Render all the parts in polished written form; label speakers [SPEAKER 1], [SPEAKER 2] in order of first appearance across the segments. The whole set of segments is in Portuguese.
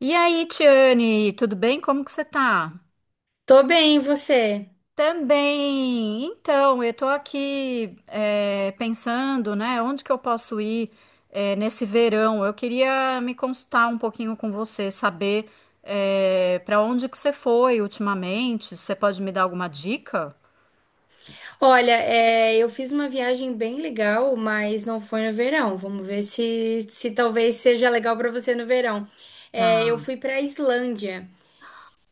[SPEAKER 1] E aí, Tiane, tudo bem? Como que você tá?
[SPEAKER 2] Tô bem, e você?
[SPEAKER 1] Também. Então, eu tô aqui pensando, né, onde que eu posso ir nesse verão? Eu queria me consultar um pouquinho com você, saber para onde que você foi ultimamente. Você pode me dar alguma dica?
[SPEAKER 2] Olha, eu fiz uma viagem bem legal, mas não foi no verão. Vamos ver se talvez seja legal pra você no verão. É,
[SPEAKER 1] Tá.
[SPEAKER 2] eu fui pra Islândia,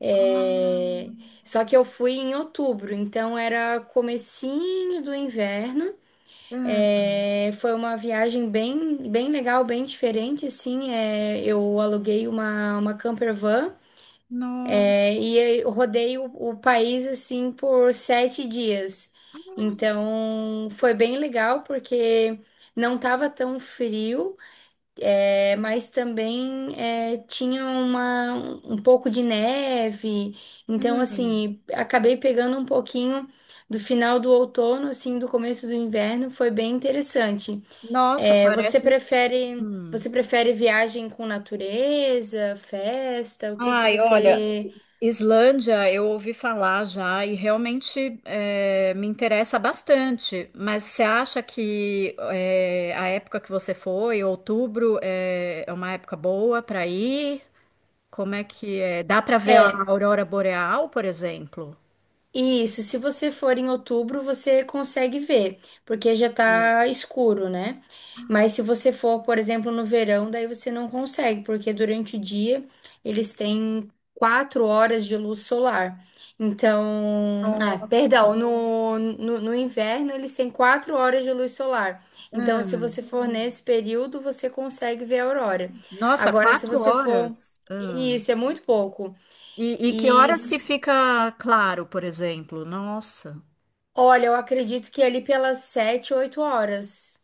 [SPEAKER 2] é,
[SPEAKER 1] Ah,
[SPEAKER 2] só que eu fui em outubro, então era comecinho do inverno.
[SPEAKER 1] é,
[SPEAKER 2] Foi uma viagem bem, bem legal, bem diferente, assim. Eu aluguei uma camper van.
[SPEAKER 1] no-
[SPEAKER 2] E eu rodei o país assim por 7 dias. Então foi bem legal porque não estava tão frio, mas também tinha um pouco de neve. Então,
[SPEAKER 1] hum.
[SPEAKER 2] assim, acabei pegando um pouquinho do final do outono, assim, do começo do inverno. Foi bem interessante.
[SPEAKER 1] Nossa,
[SPEAKER 2] É, você
[SPEAKER 1] parece.
[SPEAKER 2] prefere,
[SPEAKER 1] Hum.
[SPEAKER 2] você prefere viagem com natureza, festa? O que que
[SPEAKER 1] Ai, olha,
[SPEAKER 2] você.
[SPEAKER 1] Islândia, eu ouvi falar já e realmente me interessa bastante. Mas você acha que a época que você foi, outubro, é uma época boa para ir? Como é que é? Dá para ver a
[SPEAKER 2] É,
[SPEAKER 1] aurora boreal, por exemplo?
[SPEAKER 2] Isso, se você for em outubro, você consegue ver, porque já tá escuro, né? Mas se você for, por exemplo, no verão, daí você não consegue, porque durante o dia eles têm 4 horas de luz solar. Então, ah,
[SPEAKER 1] Nossa.
[SPEAKER 2] perdão, no inverno eles têm 4 horas de luz solar. Então, se
[SPEAKER 1] Hum.
[SPEAKER 2] você for, uhum, nesse período, você consegue ver a aurora.
[SPEAKER 1] Nossa,
[SPEAKER 2] Agora, se
[SPEAKER 1] quatro
[SPEAKER 2] você for.
[SPEAKER 1] horas.
[SPEAKER 2] Isso, é muito pouco.
[SPEAKER 1] E que
[SPEAKER 2] E,
[SPEAKER 1] horas que fica claro, por exemplo? Nossa,
[SPEAKER 2] Olha, eu acredito que é ali pelas 7, 8 horas.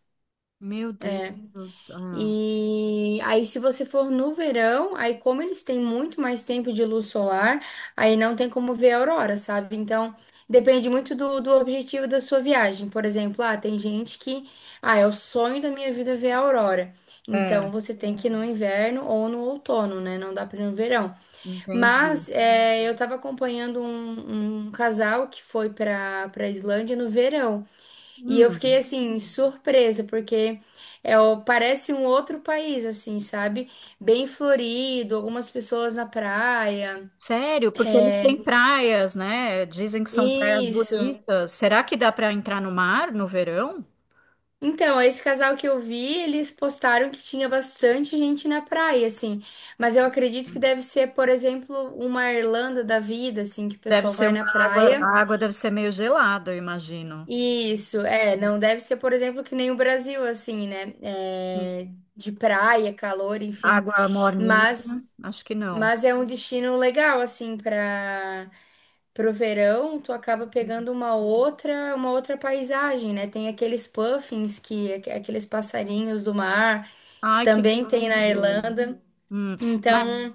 [SPEAKER 1] meu Deus. Ah,
[SPEAKER 2] E aí, se você for no verão, aí como eles têm muito mais tempo de luz solar, aí não tem como ver a aurora, sabe? Então, depende muito do objetivo da sua viagem. Por exemplo, ah, tem gente que, ah, é o sonho da minha vida ver a aurora.
[SPEAKER 1] é,
[SPEAKER 2] Então, você tem que ir no inverno ou no outono, né? Não dá para ir no verão.
[SPEAKER 1] entendi.
[SPEAKER 2] Mas eu estava acompanhando um casal que foi para Islândia no verão. E eu
[SPEAKER 1] Hum.
[SPEAKER 2] fiquei assim, surpresa, porque parece um outro país, assim, sabe? Bem florido, algumas pessoas na praia.
[SPEAKER 1] Sério? Porque eles
[SPEAKER 2] É,
[SPEAKER 1] têm praias, né? Dizem que são praias
[SPEAKER 2] Isso.
[SPEAKER 1] bonitas. Será que dá para entrar no mar no verão?
[SPEAKER 2] Então, esse casal que eu vi, eles postaram que tinha bastante gente na praia, assim. Mas eu acredito que deve ser, por exemplo, uma Irlanda da vida, assim, que o
[SPEAKER 1] Deve
[SPEAKER 2] pessoal
[SPEAKER 1] ser
[SPEAKER 2] vai na
[SPEAKER 1] uma água,
[SPEAKER 2] praia.
[SPEAKER 1] a água deve ser meio gelada, eu imagino.
[SPEAKER 2] Isso, não deve ser, por exemplo, que nem o Brasil, assim, né?
[SPEAKER 1] Hum.
[SPEAKER 2] De praia, calor, enfim.
[SPEAKER 1] Água morninha?
[SPEAKER 2] Mas.
[SPEAKER 1] Acho que não.
[SPEAKER 2] Mas é um destino legal, assim, para pro verão, tu acaba pegando uma outra paisagem, né? Tem aqueles puffins aqueles passarinhos do mar que
[SPEAKER 1] Ai, que
[SPEAKER 2] também tem na
[SPEAKER 1] lindo.
[SPEAKER 2] Irlanda.
[SPEAKER 1] Hum, ma-
[SPEAKER 2] Então,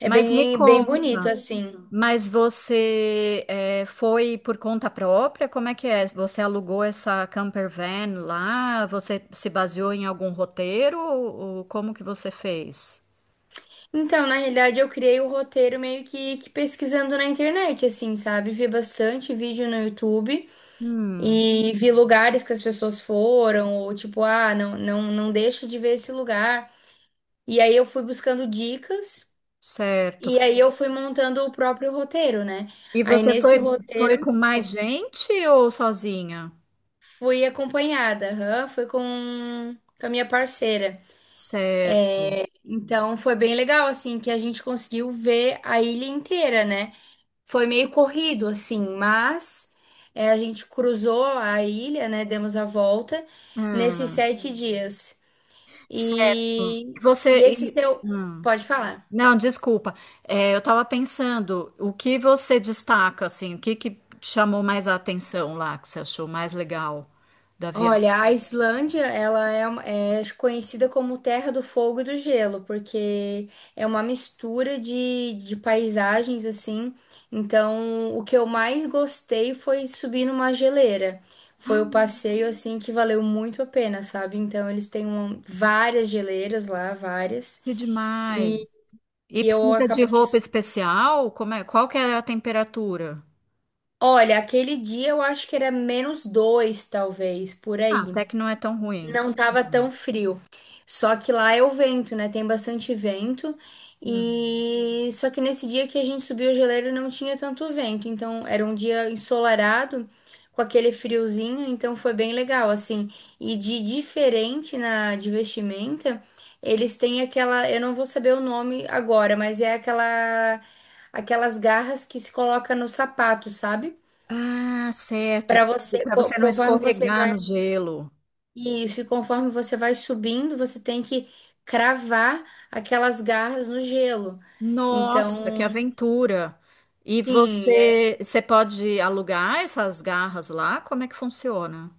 [SPEAKER 2] é
[SPEAKER 1] Mas, me
[SPEAKER 2] bem bem bonito
[SPEAKER 1] conta,
[SPEAKER 2] assim.
[SPEAKER 1] mas você foi por conta própria? Como é que é? Você alugou essa camper van lá? Você se baseou em algum roteiro? Ou como que você fez?
[SPEAKER 2] Então, na realidade, eu criei o roteiro meio que pesquisando na internet, assim, sabe? Vi bastante vídeo no YouTube
[SPEAKER 1] Hum.
[SPEAKER 2] e vi lugares que as pessoas foram, ou tipo, ah, não, não, não deixa de ver esse lugar. E aí eu fui buscando dicas
[SPEAKER 1] Certo.
[SPEAKER 2] e aí eu fui montando o próprio roteiro, né?
[SPEAKER 1] E
[SPEAKER 2] Aí
[SPEAKER 1] você
[SPEAKER 2] nesse
[SPEAKER 1] foi
[SPEAKER 2] roteiro
[SPEAKER 1] com mais gente ou sozinha?
[SPEAKER 2] fui acompanhada, aham, fui com a minha parceira.
[SPEAKER 1] Certo.
[SPEAKER 2] Então foi bem legal, assim, que a gente conseguiu ver a ilha inteira, né? Foi meio corrido, assim, mas a gente cruzou a ilha, né? Demos a volta nesses
[SPEAKER 1] Hum,
[SPEAKER 2] 7 dias.
[SPEAKER 1] certo.
[SPEAKER 2] E,
[SPEAKER 1] E você.
[SPEAKER 2] e esse seu.
[SPEAKER 1] Hum.
[SPEAKER 2] Pode falar.
[SPEAKER 1] Não, desculpa. Eu estava pensando, o que você destaca, assim, o que que te chamou mais a atenção lá, que você achou mais legal da viagem?
[SPEAKER 2] Olha, a Islândia, ela é conhecida como Terra do Fogo e do Gelo, porque é uma mistura de paisagens, assim. Então, o que eu mais gostei foi subir numa geleira. Foi o passeio, assim, que valeu muito a pena, sabe? Então, eles têm várias geleiras lá, várias.
[SPEAKER 1] Que demais.
[SPEAKER 2] E,
[SPEAKER 1] E
[SPEAKER 2] e eu
[SPEAKER 1] precisa de
[SPEAKER 2] acabei...
[SPEAKER 1] roupa especial? Como é? Qual que é a temperatura?
[SPEAKER 2] Olha, aquele dia eu acho que era menos dois, talvez, por
[SPEAKER 1] Ah,
[SPEAKER 2] aí.
[SPEAKER 1] até que não é tão ruim.
[SPEAKER 2] Não tava tão
[SPEAKER 1] Uhum.
[SPEAKER 2] frio. Só que lá é o vento, né? Tem bastante vento.
[SPEAKER 1] Hum.
[SPEAKER 2] E só que nesse dia que a gente subiu a geleira não tinha tanto vento, então era um dia ensolarado com aquele friozinho, então foi bem legal assim. E de diferente na de vestimenta, eles têm aquela, eu não vou saber o nome agora, mas é aquelas garras que se coloca no sapato, sabe?
[SPEAKER 1] Ah, certo.
[SPEAKER 2] Para você,
[SPEAKER 1] Para você não
[SPEAKER 2] conforme você
[SPEAKER 1] escorregar
[SPEAKER 2] vai.
[SPEAKER 1] no gelo.
[SPEAKER 2] Isso, e conforme você vai subindo, você tem que cravar aquelas garras no gelo.
[SPEAKER 1] Nossa, que
[SPEAKER 2] Então,
[SPEAKER 1] aventura! E
[SPEAKER 2] sim,
[SPEAKER 1] você pode alugar essas garras lá? Como é que funciona?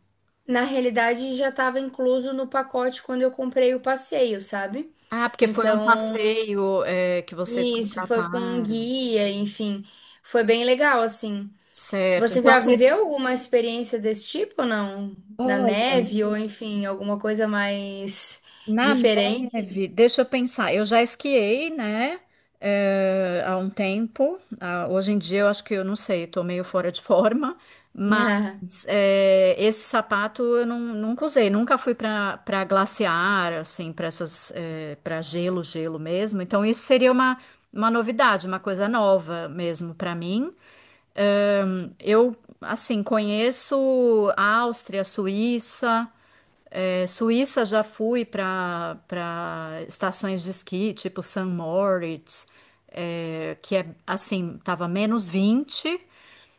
[SPEAKER 2] na realidade já estava incluso no pacote quando eu comprei o passeio, sabe?
[SPEAKER 1] Ah, porque foi um
[SPEAKER 2] Então,
[SPEAKER 1] passeio, que vocês
[SPEAKER 2] isso foi com um
[SPEAKER 1] contrataram.
[SPEAKER 2] guia, enfim, foi bem legal, assim.
[SPEAKER 1] Certo.
[SPEAKER 2] Você
[SPEAKER 1] Então
[SPEAKER 2] já
[SPEAKER 1] vocês,
[SPEAKER 2] viveu alguma experiência desse tipo, não? Na
[SPEAKER 1] olha,
[SPEAKER 2] neve ou, enfim, alguma coisa mais
[SPEAKER 1] na
[SPEAKER 2] diferente?
[SPEAKER 1] neve, deixa eu pensar. Eu já esquiei, né? Há um tempo. Ah, hoje em dia eu acho que eu não sei, tô meio fora de forma. Mas esse sapato eu não, nunca usei. Nunca fui para glaciar, assim, para gelo, gelo mesmo. Então isso seria uma novidade, uma coisa nova mesmo para mim. Eh, eu assim conheço a Áustria, Suíça. Suíça já fui para estações de esqui, tipo St. Moritz, que é assim, tava menos vinte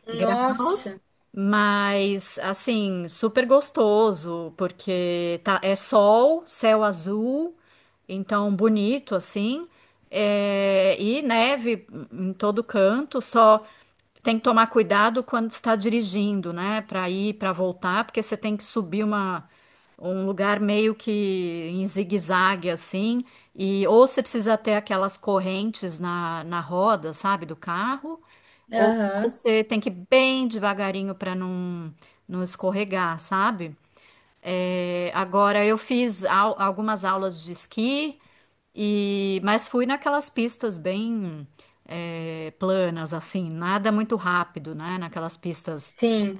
[SPEAKER 2] Nossa,
[SPEAKER 1] graus, mas assim, super gostoso, porque tá, é sol, céu azul, então bonito assim, e neve em todo canto, só tem que tomar cuidado quando está dirigindo, né, para ir, para voltar, porque você tem que subir uma um lugar meio que em zigue-zague assim, e ou você precisa ter aquelas correntes na roda, sabe, do carro,
[SPEAKER 2] aham,
[SPEAKER 1] você tem que ir bem devagarinho para não, não escorregar, sabe? Agora eu fiz algumas aulas de esqui e mas fui naquelas pistas bem planas, assim, nada muito rápido, né? Naquelas pistas.
[SPEAKER 2] sim.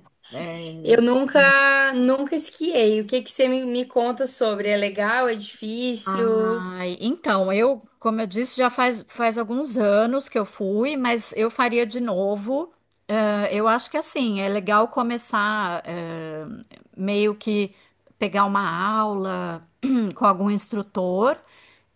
[SPEAKER 2] Eu nunca, nunca esquiei. O que que você me, conta sobre? É legal? É difícil?
[SPEAKER 1] Ai, então, eu, como eu disse, já faz alguns anos que eu fui, mas eu faria de novo. Eu acho que assim, é legal começar, meio que pegar uma aula com algum instrutor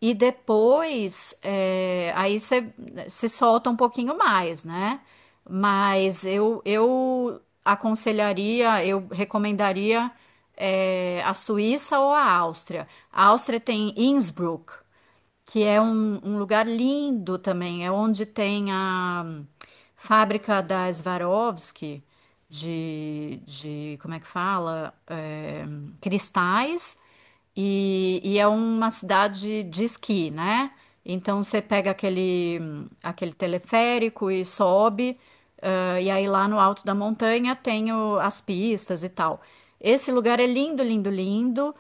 [SPEAKER 1] e depois, aí você se solta um pouquinho mais, né? Mas eu aconselharia, eu recomendaria a Suíça ou a Áustria. A Áustria tem Innsbruck, que é um lugar lindo também, é onde tem a fábrica da Swarovski de como é que fala? É, cristais, e é uma cidade de esqui, né? Então você pega aquele teleférico e sobe, e aí lá no alto da montanha tem as pistas e tal. Esse lugar é lindo, lindo, lindo.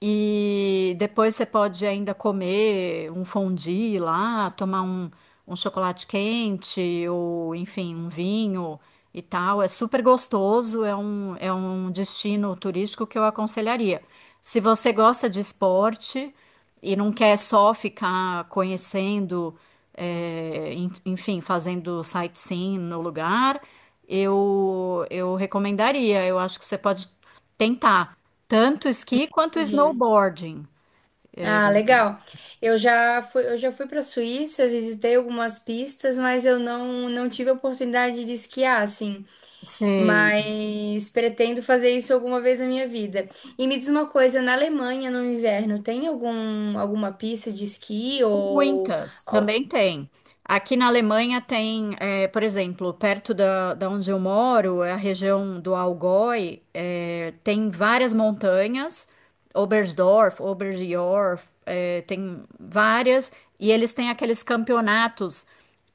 [SPEAKER 1] E depois você pode ainda comer um fondue lá, tomar um, um chocolate quente ou, enfim, um vinho e tal. É super gostoso, é um destino turístico que eu aconselharia. Se você gosta de esporte e não quer só ficar conhecendo, enfim, fazendo sightseeing no lugar, eu recomendaria. Eu acho que você pode tentar tanto esqui quanto
[SPEAKER 2] Entendi.
[SPEAKER 1] snowboarding.
[SPEAKER 2] Ah, legal. Eu já fui para a Suíça, visitei algumas pistas, mas eu não tive a oportunidade de esquiar, assim.
[SPEAKER 1] Sei.
[SPEAKER 2] Mas pretendo fazer isso alguma vez na minha vida. E me diz uma coisa, na Alemanha, no inverno, tem alguma pista de esqui
[SPEAKER 1] Muitas,
[SPEAKER 2] ou-
[SPEAKER 1] também tem. Aqui na Alemanha tem, por exemplo, perto da onde eu moro, é a região do Allgäu, tem várias montanhas, Oberstdorf, Oberjoch, tem várias, e eles têm aqueles campeonatos,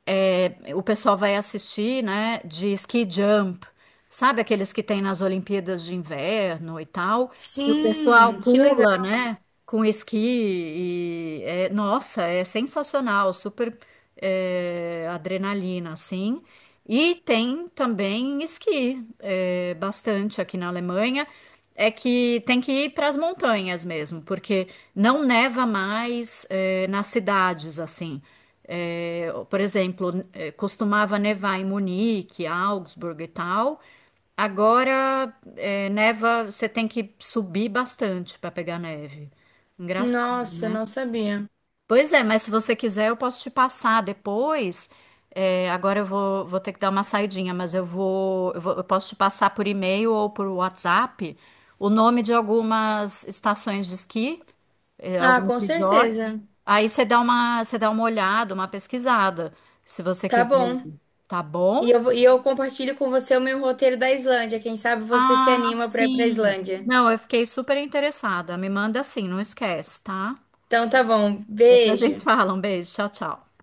[SPEAKER 1] o pessoal vai assistir, né, de ski jump, sabe aqueles que tem nas Olimpíadas de Inverno e tal, e o pessoal
[SPEAKER 2] Sim, que legal.
[SPEAKER 1] pula, né? Com esqui e nossa, é sensacional, super adrenalina, assim. E tem também esqui, bastante aqui na Alemanha. É que tem que ir para as montanhas mesmo, porque não neva mais nas cidades assim. É, por exemplo, costumava nevar em Munique, Augsburg e tal. Agora, neva, você tem que subir bastante para pegar neve. Engraçado,
[SPEAKER 2] Nossa, eu
[SPEAKER 1] né?
[SPEAKER 2] não sabia.
[SPEAKER 1] Pois é, mas se você quiser, eu posso te passar depois. Agora eu vou ter que dar uma saidinha, mas eu posso te passar por e-mail ou por WhatsApp o nome de algumas estações de esqui,
[SPEAKER 2] Ah,
[SPEAKER 1] alguns
[SPEAKER 2] com
[SPEAKER 1] resorts.
[SPEAKER 2] certeza.
[SPEAKER 1] Aí você dá uma olhada, uma pesquisada, se você
[SPEAKER 2] Tá
[SPEAKER 1] quiser
[SPEAKER 2] bom.
[SPEAKER 1] ir. Tá bom?
[SPEAKER 2] E eu compartilho com você o meu roteiro da Islândia. Quem sabe você se
[SPEAKER 1] Ah,
[SPEAKER 2] anima para ir para
[SPEAKER 1] sim.
[SPEAKER 2] Islândia.
[SPEAKER 1] Não, eu fiquei super interessada. Me manda assim, não esquece, tá?
[SPEAKER 2] Então tá bom.
[SPEAKER 1] Depois a gente
[SPEAKER 2] Beijo.
[SPEAKER 1] fala. Um beijo, tchau, tchau.